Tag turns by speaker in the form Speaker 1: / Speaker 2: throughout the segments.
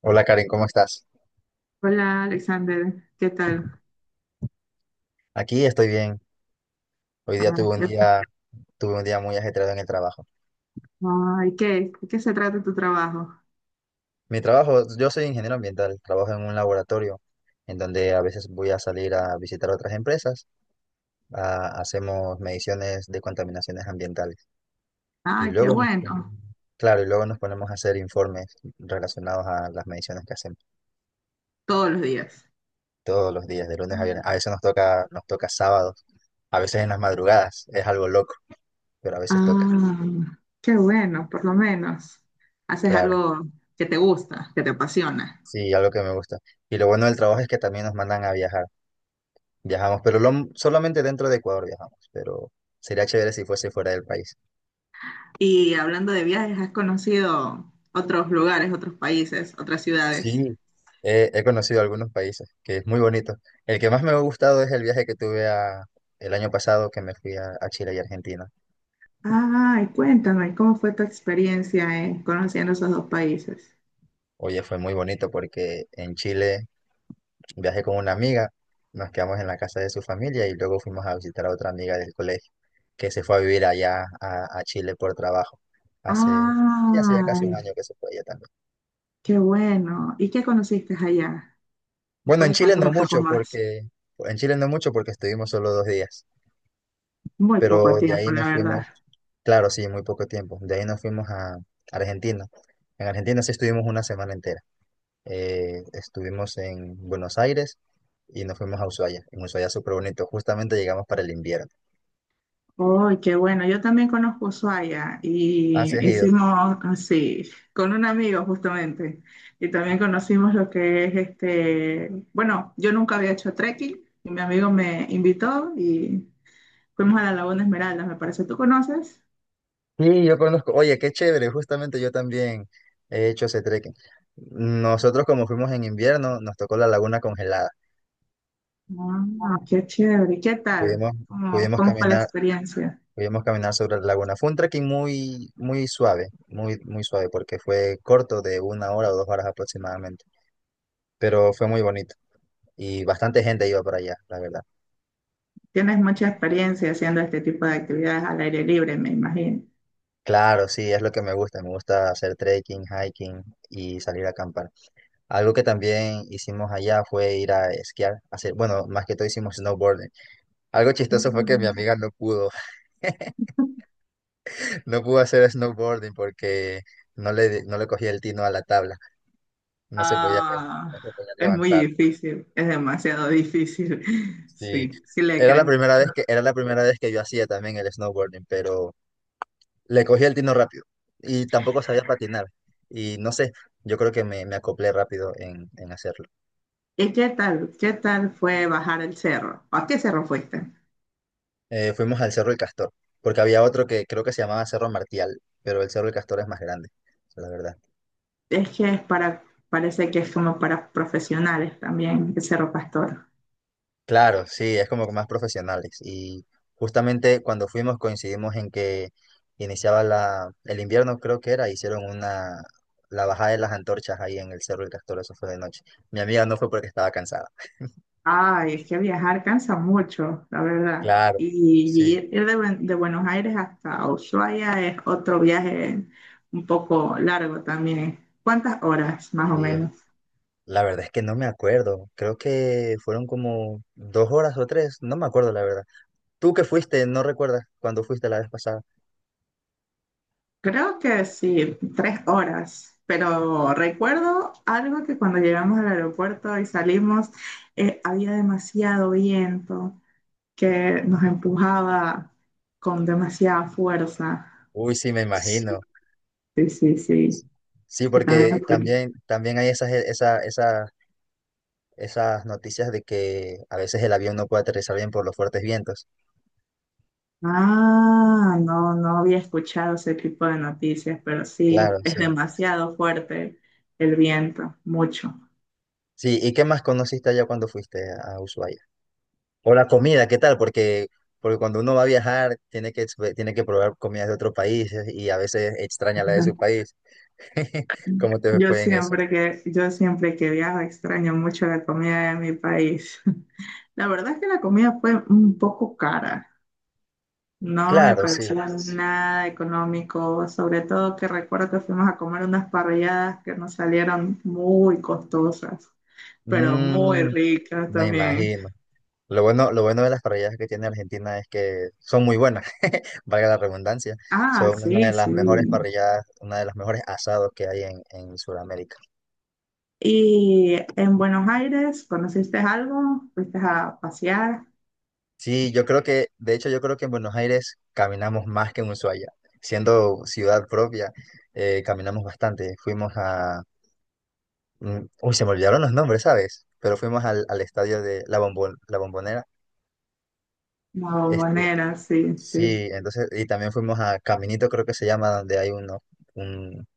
Speaker 1: Hola Karen, ¿cómo estás?
Speaker 2: Hola Alexander, ¿qué tal?
Speaker 1: Aquí estoy bien. Hoy día
Speaker 2: Ah, ya-
Speaker 1: tuve un día muy ajetreado en el trabajo.
Speaker 2: Ay, ¿qué? ¿De qué se trata tu trabajo?
Speaker 1: Mi trabajo, yo soy ingeniero ambiental, trabajo en un laboratorio en donde a veces voy a salir a visitar otras empresas. Hacemos mediciones de contaminaciones ambientales y
Speaker 2: Ay, qué bueno,
Speaker 1: claro, y luego nos ponemos a hacer informes relacionados a las mediciones que hacemos
Speaker 2: todos los días.
Speaker 1: todos los días, de lunes a viernes. A veces nos toca sábados, a veces en las madrugadas. Es algo loco, pero a veces toca,
Speaker 2: Ah, qué bueno, por lo menos. Haces
Speaker 1: claro.
Speaker 2: algo que te gusta, que te apasiona.
Speaker 1: Sí, algo que me gusta. Y lo bueno del trabajo es que también nos mandan a viajar. Viajamos, pero solamente dentro de Ecuador viajamos, pero sería chévere si fuese fuera del país.
Speaker 2: Y hablando de viajes, ¿has conocido otros lugares, otros países, otras ciudades?
Speaker 1: Sí, he conocido algunos países, que es muy bonito. El que más me ha gustado es el viaje que el año pasado que me fui a Chile y Argentina.
Speaker 2: Ay, cuéntame, ¿cómo fue tu experiencia conociendo esos dos países?
Speaker 1: Oye, fue muy bonito porque en Chile viajé con una amiga. Nos quedamos en la casa de su familia y luego fuimos a visitar a otra amiga del colegio que se fue a vivir allá a Chile por trabajo. Hace, ya hace ya casi
Speaker 2: Ay,
Speaker 1: un año que se fue ella también.
Speaker 2: qué bueno. ¿Y qué conociste allá? ¿Me
Speaker 1: Bueno,
Speaker 2: puedes contar un poco más?
Speaker 1: En Chile no mucho porque estuvimos solo 2 días,
Speaker 2: Muy
Speaker 1: pero
Speaker 2: poco
Speaker 1: de
Speaker 2: tiempo,
Speaker 1: ahí
Speaker 2: la
Speaker 1: nos
Speaker 2: verdad.
Speaker 1: fuimos, claro, sí, muy poco tiempo. De ahí nos fuimos a Argentina. En Argentina sí estuvimos una semana entera. Estuvimos en Buenos Aires y nos fuimos a Ushuaia. En Ushuaia súper bonito, justamente llegamos para el invierno.
Speaker 2: Uy, qué bueno. Yo también conozco Ushuaia y
Speaker 1: Así has ido.
Speaker 2: hicimos así, con un amigo justamente. Y también conocimos lo que es este, bueno, yo nunca había hecho trekking y mi amigo me invitó y fuimos a la Laguna Esmeralda, me parece. ¿Tú conoces?
Speaker 1: Sí, yo conozco. Oye, qué chévere. Justamente yo también he hecho ese trekking. Nosotros como fuimos en invierno, nos tocó la laguna congelada.
Speaker 2: Ah, qué chévere. ¿Y ¿Qué tal?
Speaker 1: Pudimos,
Speaker 2: ¿Cómo,
Speaker 1: pudimos
Speaker 2: cómo fue la
Speaker 1: caminar,
Speaker 2: experiencia?
Speaker 1: Pudimos caminar sobre la laguna. Fue un trekking muy, muy suave, porque fue corto de una hora o 2 horas aproximadamente. Pero fue muy bonito. Y bastante gente iba para allá, la verdad.
Speaker 2: Tienes mucha experiencia haciendo este tipo de actividades al aire libre, me imagino.
Speaker 1: Claro, sí, es lo que me gusta. Me gusta hacer trekking, hiking y salir a acampar. Algo que también hicimos allá fue ir a esquiar, hacer, bueno, más que todo hicimos snowboarding. Algo chistoso fue que mi amiga no pudo, no pudo hacer snowboarding porque no le cogía el tino a la tabla, no se podía,
Speaker 2: Ah,
Speaker 1: no se podía
Speaker 2: es muy
Speaker 1: levantar.
Speaker 2: difícil, es demasiado difícil.
Speaker 1: Sí,
Speaker 2: Sí, sí le creo.
Speaker 1: era la primera vez que yo hacía también el snowboarding, pero le cogí el tino rápido y tampoco sabía patinar. Y no sé, yo creo que me acoplé rápido en hacerlo.
Speaker 2: ¿Y qué tal? ¿Qué tal fue bajar el cerro? ¿A qué cerro fuiste?
Speaker 1: Fuimos al Cerro del Castor, porque había otro que creo que se llamaba Cerro Martial, pero el Cerro del Castor es más grande, la verdad.
Speaker 2: Es que es para, parece que es como para profesionales también, el Cerro Pastor.
Speaker 1: Claro, sí, es como que más profesionales. Y justamente cuando fuimos coincidimos en que iniciaba el invierno, creo que era. Hicieron la bajada de las antorchas ahí en el Cerro del Castor. Eso fue de noche. Mi amiga no fue porque estaba cansada.
Speaker 2: Ay, es que viajar cansa mucho, la verdad.
Speaker 1: Claro, sí.
Speaker 2: Y de Buenos Aires hasta Ushuaia es otro viaje un poco largo también. ¿Cuántas horas más o
Speaker 1: y es-
Speaker 2: menos?
Speaker 1: la verdad es que no me acuerdo, creo que fueron como 2 horas o 3, no me acuerdo la verdad. Tú que fuiste, no recuerdas cuando fuiste la vez pasada.
Speaker 2: Creo que sí, tres horas, pero recuerdo algo que cuando llegamos al aeropuerto y salimos, había demasiado viento que nos empujaba con demasiada fuerza.
Speaker 1: Uy, sí, me imagino.
Speaker 2: Sí, sí, sí.
Speaker 1: Sí,
Speaker 2: Que también
Speaker 1: porque
Speaker 2: escu-
Speaker 1: también, también hay esas, e, esa- esas noticias de que a veces el avión no puede aterrizar bien por los fuertes vientos.
Speaker 2: Ah, no, no había escuchado ese tipo de noticias, pero
Speaker 1: Claro,
Speaker 2: sí, es
Speaker 1: sí.
Speaker 2: demasiado fuerte el viento, mucho.
Speaker 1: Sí, ¿y qué más conociste allá cuando fuiste a Ushuaia? O la comida, ¿qué tal? Porque, porque cuando uno va a viajar, tiene que probar comidas de otros países y a veces extraña la de su país. ¿Cómo te fue en eso?
Speaker 2: Yo siempre que viajo extraño mucho la comida de mi país. La verdad es que la comida fue un poco cara, no me
Speaker 1: Claro, sí.
Speaker 2: pareció nada económico, sobre todo que recuerdo que fuimos a comer unas parrilladas que nos salieron muy costosas, pero muy
Speaker 1: Mm,
Speaker 2: ricas
Speaker 1: me
Speaker 2: también.
Speaker 1: imagino. Lo bueno de las parrilladas que tiene Argentina es que son muy buenas, valga la redundancia.
Speaker 2: Ah,
Speaker 1: Son una de
Speaker 2: sí,
Speaker 1: las
Speaker 2: sí.
Speaker 1: mejores parrilladas, una de las mejores asados que hay en Sudamérica.
Speaker 2: ¿Y en Buenos Aires conociste algo? ¿Fuiste a pasear?
Speaker 1: Sí, yo creo que, de hecho, yo creo que en Buenos Aires caminamos más que en Ushuaia. Siendo ciudad propia, caminamos bastante. Fuimos a... Uy, se me olvidaron los nombres, ¿sabes? Pero fuimos al estadio de La Bombonera.
Speaker 2: La
Speaker 1: Este,
Speaker 2: Bombonera, sí, sí.
Speaker 1: sí, entonces, y también fuimos a Caminito, creo que se llama, donde hay uno, un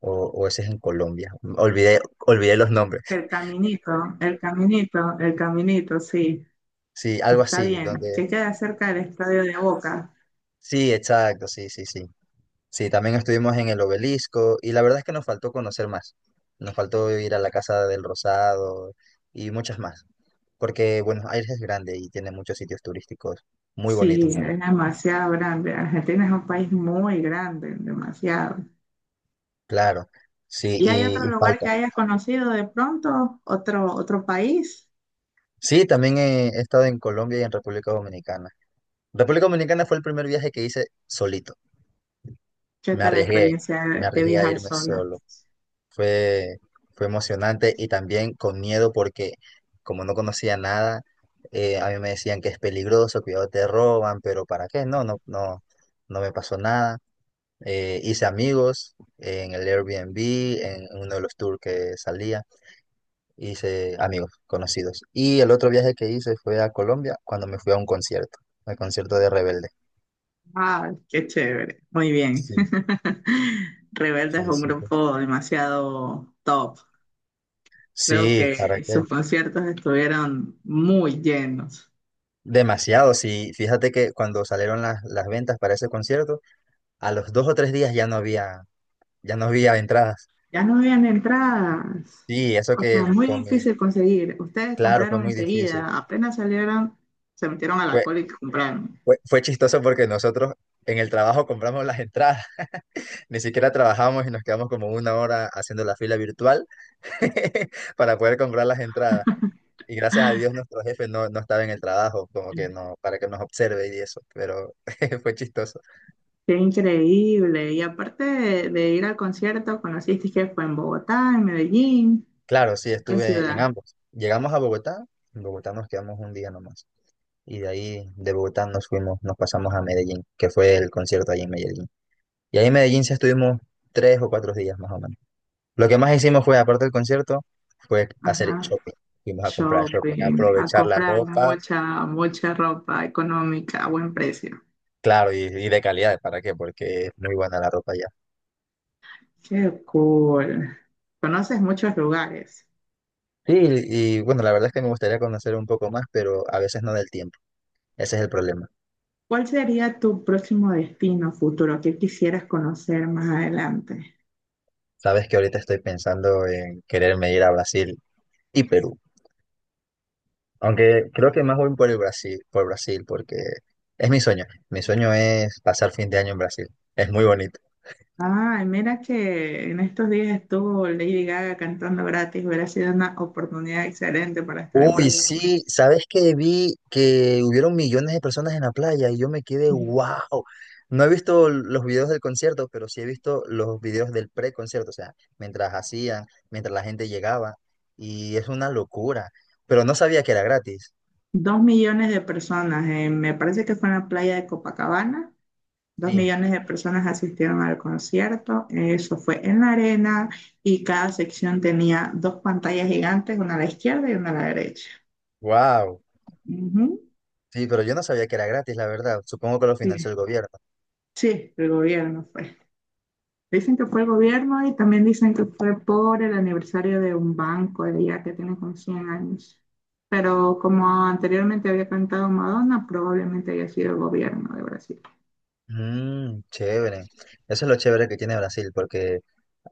Speaker 1: o ese es en Colombia. Olvidé los nombres.
Speaker 2: El caminito, el caminito, sí.
Speaker 1: Sí, algo
Speaker 2: Está
Speaker 1: así,
Speaker 2: bien.
Speaker 1: donde...
Speaker 2: Que queda cerca del estadio de Boca.
Speaker 1: Sí, exacto, sí, sí, sí. Sí, también estuvimos en el obelisco y la verdad es que nos faltó conocer más. Nos faltó ir a la Casa del Rosado y muchas más. Porque Buenos Aires es grande y tiene muchos sitios turísticos muy
Speaker 2: Sí,
Speaker 1: bonitos, la
Speaker 2: es
Speaker 1: verdad.
Speaker 2: demasiado grande. Argentina es un país muy grande, demasiado.
Speaker 1: Claro, sí,
Speaker 2: ¿Y hay otro
Speaker 1: y
Speaker 2: lugar
Speaker 1: falta.
Speaker 2: que hayas conocido de pronto? ¿Otro, otro país?
Speaker 1: Sí, también he estado en Colombia y en República Dominicana. República Dominicana fue el primer viaje que hice solito.
Speaker 2: ¿Qué
Speaker 1: Me
Speaker 2: tal la
Speaker 1: arriesgué,
Speaker 2: experiencia
Speaker 1: Me
Speaker 2: de
Speaker 1: arriesgué a
Speaker 2: viajar
Speaker 1: irme
Speaker 2: solo?
Speaker 1: solo. Fue, Fue emocionante y también con miedo porque como no conocía nada, a mí me decían que es peligroso, cuidado te roban, pero ¿para qué? No, no, no, no me pasó nada. Hice amigos en el Airbnb, en uno de los tours que salía, hice amigos conocidos. Y el otro viaje que hice fue a Colombia cuando me fui a un concierto, al concierto de Rebelde.
Speaker 2: Ah, qué chévere. Muy bien.
Speaker 1: Sí,
Speaker 2: Rebelde es
Speaker 1: sí,
Speaker 2: un
Speaker 1: súper.
Speaker 2: grupo demasiado top. Creo
Speaker 1: Sí, ¿para
Speaker 2: que
Speaker 1: qué?
Speaker 2: sus conciertos estuvieron muy llenos.
Speaker 1: Demasiado, sí. Fíjate que cuando salieron las ventas para ese concierto, a los 2 o 3 días ya no había entradas.
Speaker 2: Ya no habían entradas.
Speaker 1: Sí, eso
Speaker 2: O sea,
Speaker 1: que
Speaker 2: muy
Speaker 1: con mi,
Speaker 2: difícil conseguir. Ustedes
Speaker 1: Claro, fue
Speaker 2: compraron
Speaker 1: muy difícil.
Speaker 2: enseguida. Apenas salieron, se metieron a la
Speaker 1: Fue,
Speaker 2: cola y compraron.
Speaker 1: Fue chistoso porque nosotros en el trabajo compramos las entradas, ni siquiera trabajamos y nos quedamos como una hora haciendo la fila virtual para poder comprar las entradas. Y gracias a Dios nuestro jefe no estaba en el trabajo, como que no, para que nos observe y eso, pero fue chistoso.
Speaker 2: Qué increíble. Y aparte de ir al concierto, conociste. ¿Que fue en Bogotá, en Medellín?
Speaker 1: Claro, sí,
Speaker 2: ¿Qué
Speaker 1: estuve en
Speaker 2: ciudad?
Speaker 1: ambos. Llegamos a Bogotá. En Bogotá nos quedamos un día nomás. Y de ahí, de Bogotá, nos pasamos a Medellín, que fue el concierto allí en Medellín. Y ahí en Medellín sí estuvimos 3 o 4 días más o menos. Lo que más hicimos fue, aparte del concierto, fue hacer
Speaker 2: Ajá.
Speaker 1: shopping. Fuimos a comprar shopping, a
Speaker 2: Shopping. A
Speaker 1: aprovechar la
Speaker 2: comprar
Speaker 1: ropa,
Speaker 2: mucha ropa económica a buen precio.
Speaker 1: claro, y de calidad, ¿para qué? Porque es muy buena la ropa allá.
Speaker 2: Qué cool. Conoces muchos lugares.
Speaker 1: Sí, y bueno, la verdad es que me gustaría conocer un poco más, pero a veces no del tiempo. Ese es el problema.
Speaker 2: ¿Cuál sería tu próximo destino futuro? ¿Qué quisieras conocer más adelante?
Speaker 1: Sabes que ahorita estoy pensando en quererme ir a Brasil y Perú. Aunque creo que más voy por Brasil, porque es mi sueño. Mi sueño es pasar fin de año en Brasil. Es muy bonito.
Speaker 2: Ay, mira que en estos días estuvo Lady Gaga cantando gratis. Hubiera sido una oportunidad excelente para estar en
Speaker 1: Uy,
Speaker 2: Brasil.
Speaker 1: sí, ¿sabes que vi que hubieron millones de personas en la playa? Y yo me quedé, wow. No he visto los videos del concierto, pero sí he visto los videos del pre-concierto, o sea, mientras hacían, mientras la gente llegaba. Y es una locura. Pero no sabía que era gratis.
Speaker 2: Dos millones de personas, me parece que fue en la playa de Copacabana. Dos
Speaker 1: Sí,
Speaker 2: millones de personas asistieron al concierto. Eso fue en la arena y cada sección tenía dos pantallas gigantes, una a la izquierda y una a la derecha.
Speaker 1: wow.
Speaker 2: Ujú.
Speaker 1: Sí, pero yo no sabía que era gratis, la verdad. Supongo que lo financió
Speaker 2: Sí,
Speaker 1: el gobierno.
Speaker 2: sí, el gobierno fue. Dicen que fue el gobierno, y también dicen que fue por el aniversario de un banco de allá que tiene como 100 años. Pero como anteriormente había cantado Madonna, probablemente haya sido el gobierno de Brasil.
Speaker 1: Mm, chévere. Eso es lo chévere que tiene Brasil, porque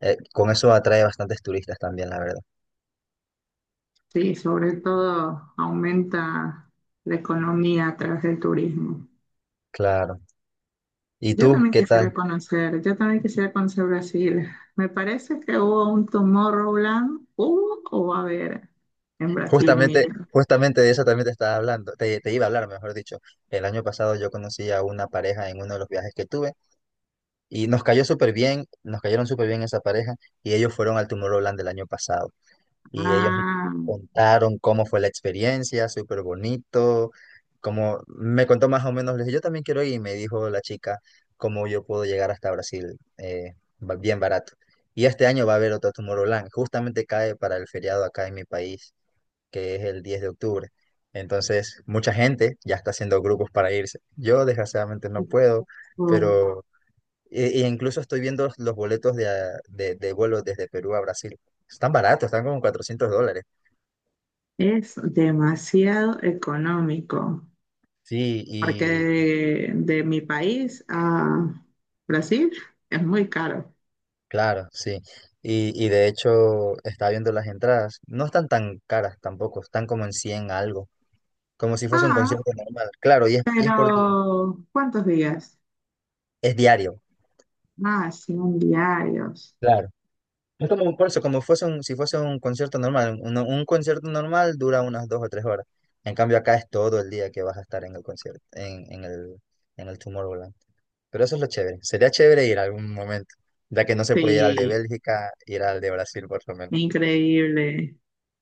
Speaker 1: con eso atrae bastantes turistas también, la verdad.
Speaker 2: Sí, sobre todo aumenta la economía a través del turismo.
Speaker 1: Claro. ¿Y tú qué tal?
Speaker 2: Yo también quisiera conocer Brasil. Me parece que hubo un Tomorrowland, hubo o va a haber en Brasil
Speaker 1: Justamente,
Speaker 2: mismo.
Speaker 1: justamente de eso también te estaba hablando, te iba a hablar, mejor dicho. El año pasado yo conocí a una pareja en uno de los viajes que tuve y nos cayó súper bien, nos cayeron súper bien esa pareja, y ellos fueron al Tomorrowland del año pasado. Y ellos me
Speaker 2: Ah,
Speaker 1: contaron cómo fue la experiencia, súper bonito. Como me contó más o menos, le dije, yo también quiero ir, y me dijo la chica cómo yo puedo llegar hasta Brasil, bien barato. Y este año va a haber otro Tomorrowland, justamente cae para el feriado acá en mi país, que es el 10 de octubre. Entonces, mucha gente ya está haciendo grupos para irse. Yo, desgraciadamente, no puedo, pero... e incluso estoy viendo los boletos de vuelo desde Perú a Brasil. Están baratos, están como $400.
Speaker 2: es demasiado económico,
Speaker 1: Sí,
Speaker 2: porque
Speaker 1: y
Speaker 2: de mi país a Brasil es muy caro.
Speaker 1: claro, sí. Y de hecho, estaba viendo las entradas. No están tan caras tampoco, están como en 100 algo, como si fuese un
Speaker 2: Ah,
Speaker 1: concierto normal. Claro, y es por día,
Speaker 2: pero ¿cuántos días?
Speaker 1: es diario,
Speaker 2: Ah, 100 diarios.
Speaker 1: claro. Es como un por eso, como fuese un, si fuese un concierto normal. Un concierto normal dura unas 2 o 3 horas. En cambio, acá es todo el día que vas a estar en el concierto, en el Tomorrowland. Pero eso es lo chévere. Sería chévere ir a algún momento, ya que no se puede ir al de
Speaker 2: Sí,
Speaker 1: Bélgica, ir al de Brasil por lo menos.
Speaker 2: increíble.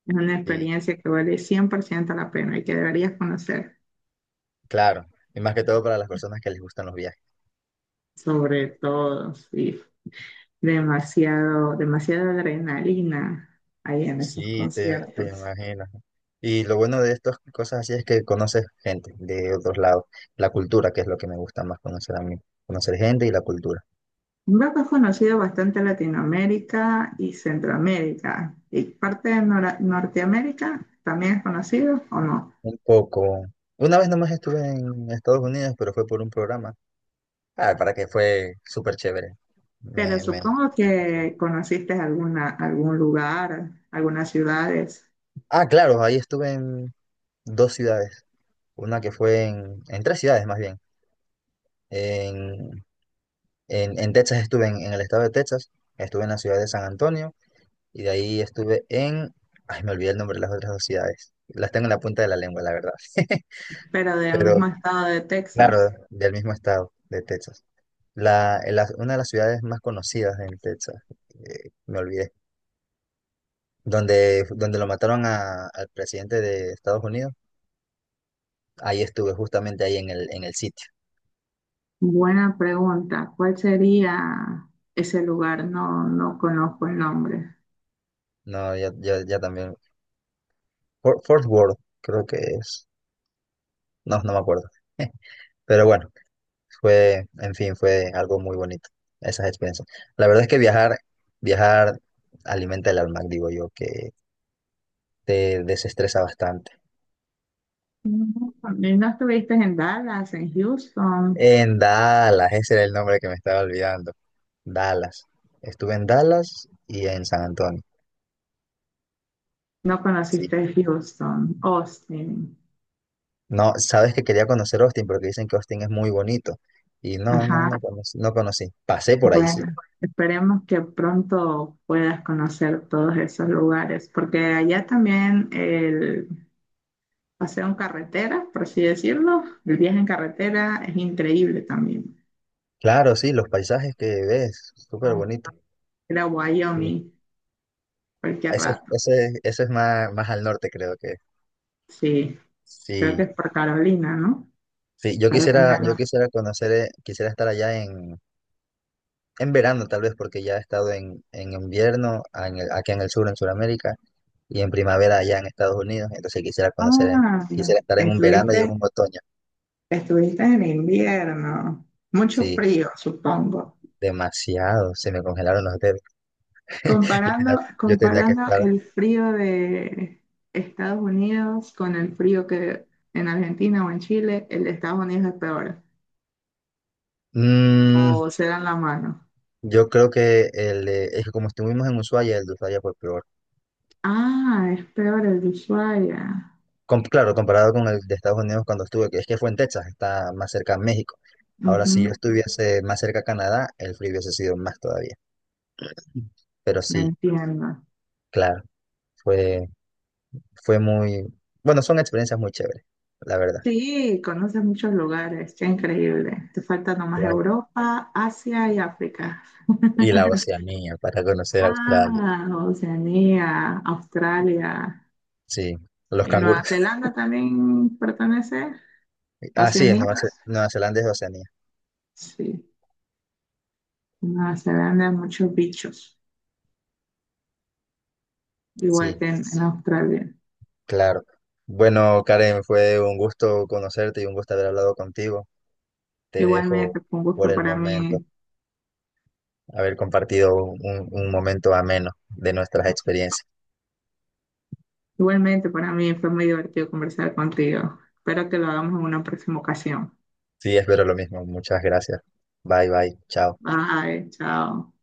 Speaker 2: Es una experiencia que vale 100% la pena y que deberías conocer.
Speaker 1: Claro, y más que todo para las personas que les gustan los viajes.
Speaker 2: Sobre todo, sí. Demasiado, demasiada adrenalina ahí en esos
Speaker 1: Sí, te
Speaker 2: conciertos.
Speaker 1: imagino. Y lo bueno de estas cosas así es que conoces gente de otros lados, la cultura, que es lo que me gusta más conocer a mí, conocer gente y la cultura.
Speaker 2: Veo que es conocido bastante en Latinoamérica y Centroamérica. Y parte de Norteamérica también, ¿es conocido o no?
Speaker 1: Un poco. Una vez nomás estuve en Estados Unidos, pero fue por un programa. Ah, para que fue súper chévere.
Speaker 2: Pero
Speaker 1: Me, me,
Speaker 2: supongo
Speaker 1: Me pasó.
Speaker 2: que conociste alguna, algún lugar, algunas ciudades,
Speaker 1: Ah, claro, ahí estuve en 2 ciudades. Una que fue en 3 ciudades más bien. En en Texas estuve en el estado de Texas, estuve en la ciudad de San Antonio y de ahí estuve en... Ay, me olvidé el nombre de las otras 2 ciudades. Las tengo en la punta de la lengua, la verdad.
Speaker 2: pero del
Speaker 1: Pero
Speaker 2: mismo estado de
Speaker 1: claro,
Speaker 2: Texas.
Speaker 1: del mismo estado de Texas. Una de las ciudades más conocidas en Texas, me olvidé, donde, donde lo mataron al presidente de Estados Unidos, ahí estuve, justamente ahí en el sitio.
Speaker 2: Buena pregunta. ¿Cuál sería ese lugar? No, no conozco el nombre.
Speaker 1: No, ya, ya, ya también. Fort Worth, creo que es. No, no me acuerdo. Pero bueno. Fue, en fin, fue algo muy bonito, esas experiencias. La verdad es que viajar alimenta el alma, digo yo, que te desestresa bastante.
Speaker 2: Mm, ¿y no estuviste en Dallas, en Houston?
Speaker 1: En Dallas, ese era el nombre que me estaba olvidando. Dallas. Estuve en Dallas y en San Antonio.
Speaker 2: No
Speaker 1: Sí.
Speaker 2: conociste Houston, Austin.
Speaker 1: No, sabes que quería conocer Austin porque dicen que Austin es muy bonito. Y no, no,
Speaker 2: Ajá.
Speaker 1: no conocí, no conocí. Pasé por ahí, sí.
Speaker 2: Bueno, esperemos que pronto puedas conocer todos esos lugares, porque allá también el paseo en carretera, por así decirlo, el viaje en carretera es increíble también.
Speaker 1: Claro, sí, los paisajes que ves, súper
Speaker 2: Ah,
Speaker 1: bonito.
Speaker 2: era
Speaker 1: Sí.
Speaker 2: Wyoming, cualquier rato.
Speaker 1: Ese es más, más al norte, creo que.
Speaker 2: Sí, creo que
Speaker 1: Sí,
Speaker 2: es por Carolina, ¿no?
Speaker 1: sí, yo quisiera,
Speaker 2: Carolina.
Speaker 1: conocer, quisiera estar allá en, verano tal vez, porque ya he estado en, invierno aquí en el sur, en Sudamérica, y en primavera allá en Estados Unidos, entonces quisiera conocer,
Speaker 2: Ah,
Speaker 1: quisiera estar en un verano y en
Speaker 2: estuviste,
Speaker 1: un otoño.
Speaker 2: estuviste en invierno. Mucho
Speaker 1: Sí,
Speaker 2: frío, supongo.
Speaker 1: demasiado, se me congelaron los dedos. Yo tenía,
Speaker 2: Comparando,
Speaker 1: yo tenía que
Speaker 2: comparando
Speaker 1: estar.
Speaker 2: el frío de Estados Unidos con el frío que en Argentina o en Chile, el de Estados Unidos es peor.
Speaker 1: Mm,
Speaker 2: O se dan la mano.
Speaker 1: yo creo que es que como estuvimos en Ushuaia, el de Ushuaia fue peor.
Speaker 2: Ah, es peor el de Ushuaia.
Speaker 1: Claro, comparado con el de Estados Unidos cuando estuve, que es que fue en Texas, está más cerca a México. Ahora, si yo
Speaker 2: Ujú,
Speaker 1: estuviese más cerca a Canadá, el frío hubiese sido más todavía. Pero
Speaker 2: me
Speaker 1: sí,
Speaker 2: entiendo.
Speaker 1: claro, fue, fue muy, bueno, son experiencias muy chéveres, la verdad.
Speaker 2: Sí, conoces muchos lugares, qué increíble. Te falta nomás
Speaker 1: Claro.
Speaker 2: Europa, Asia y África.
Speaker 1: Y la Oceanía, para conocer Australia,
Speaker 2: Ah, Oceanía, Australia
Speaker 1: sí, los
Speaker 2: y Nueva
Speaker 1: canguros.
Speaker 2: Zelanda también pertenece a
Speaker 1: Ah, sí, en
Speaker 2: Oceanía.
Speaker 1: Nueva, Nueva Zelanda es Oceanía,
Speaker 2: Sí, en Nueva Zelanda hay muchos bichos, igual
Speaker 1: sí,
Speaker 2: que en Australia.
Speaker 1: claro. Bueno, Karen, fue un gusto conocerte y un gusto haber hablado contigo. Te dejo
Speaker 2: Igualmente, fue un
Speaker 1: por
Speaker 2: gusto
Speaker 1: el
Speaker 2: para
Speaker 1: momento.
Speaker 2: mí.
Speaker 1: Haber compartido un momento ameno de nuestras experiencias.
Speaker 2: Igualmente, para mí fue muy divertido conversar contigo. Espero que lo hagamos en una próxima ocasión.
Speaker 1: Sí, espero lo mismo. Muchas gracias. Bye, bye. Chao.
Speaker 2: Bye, chao.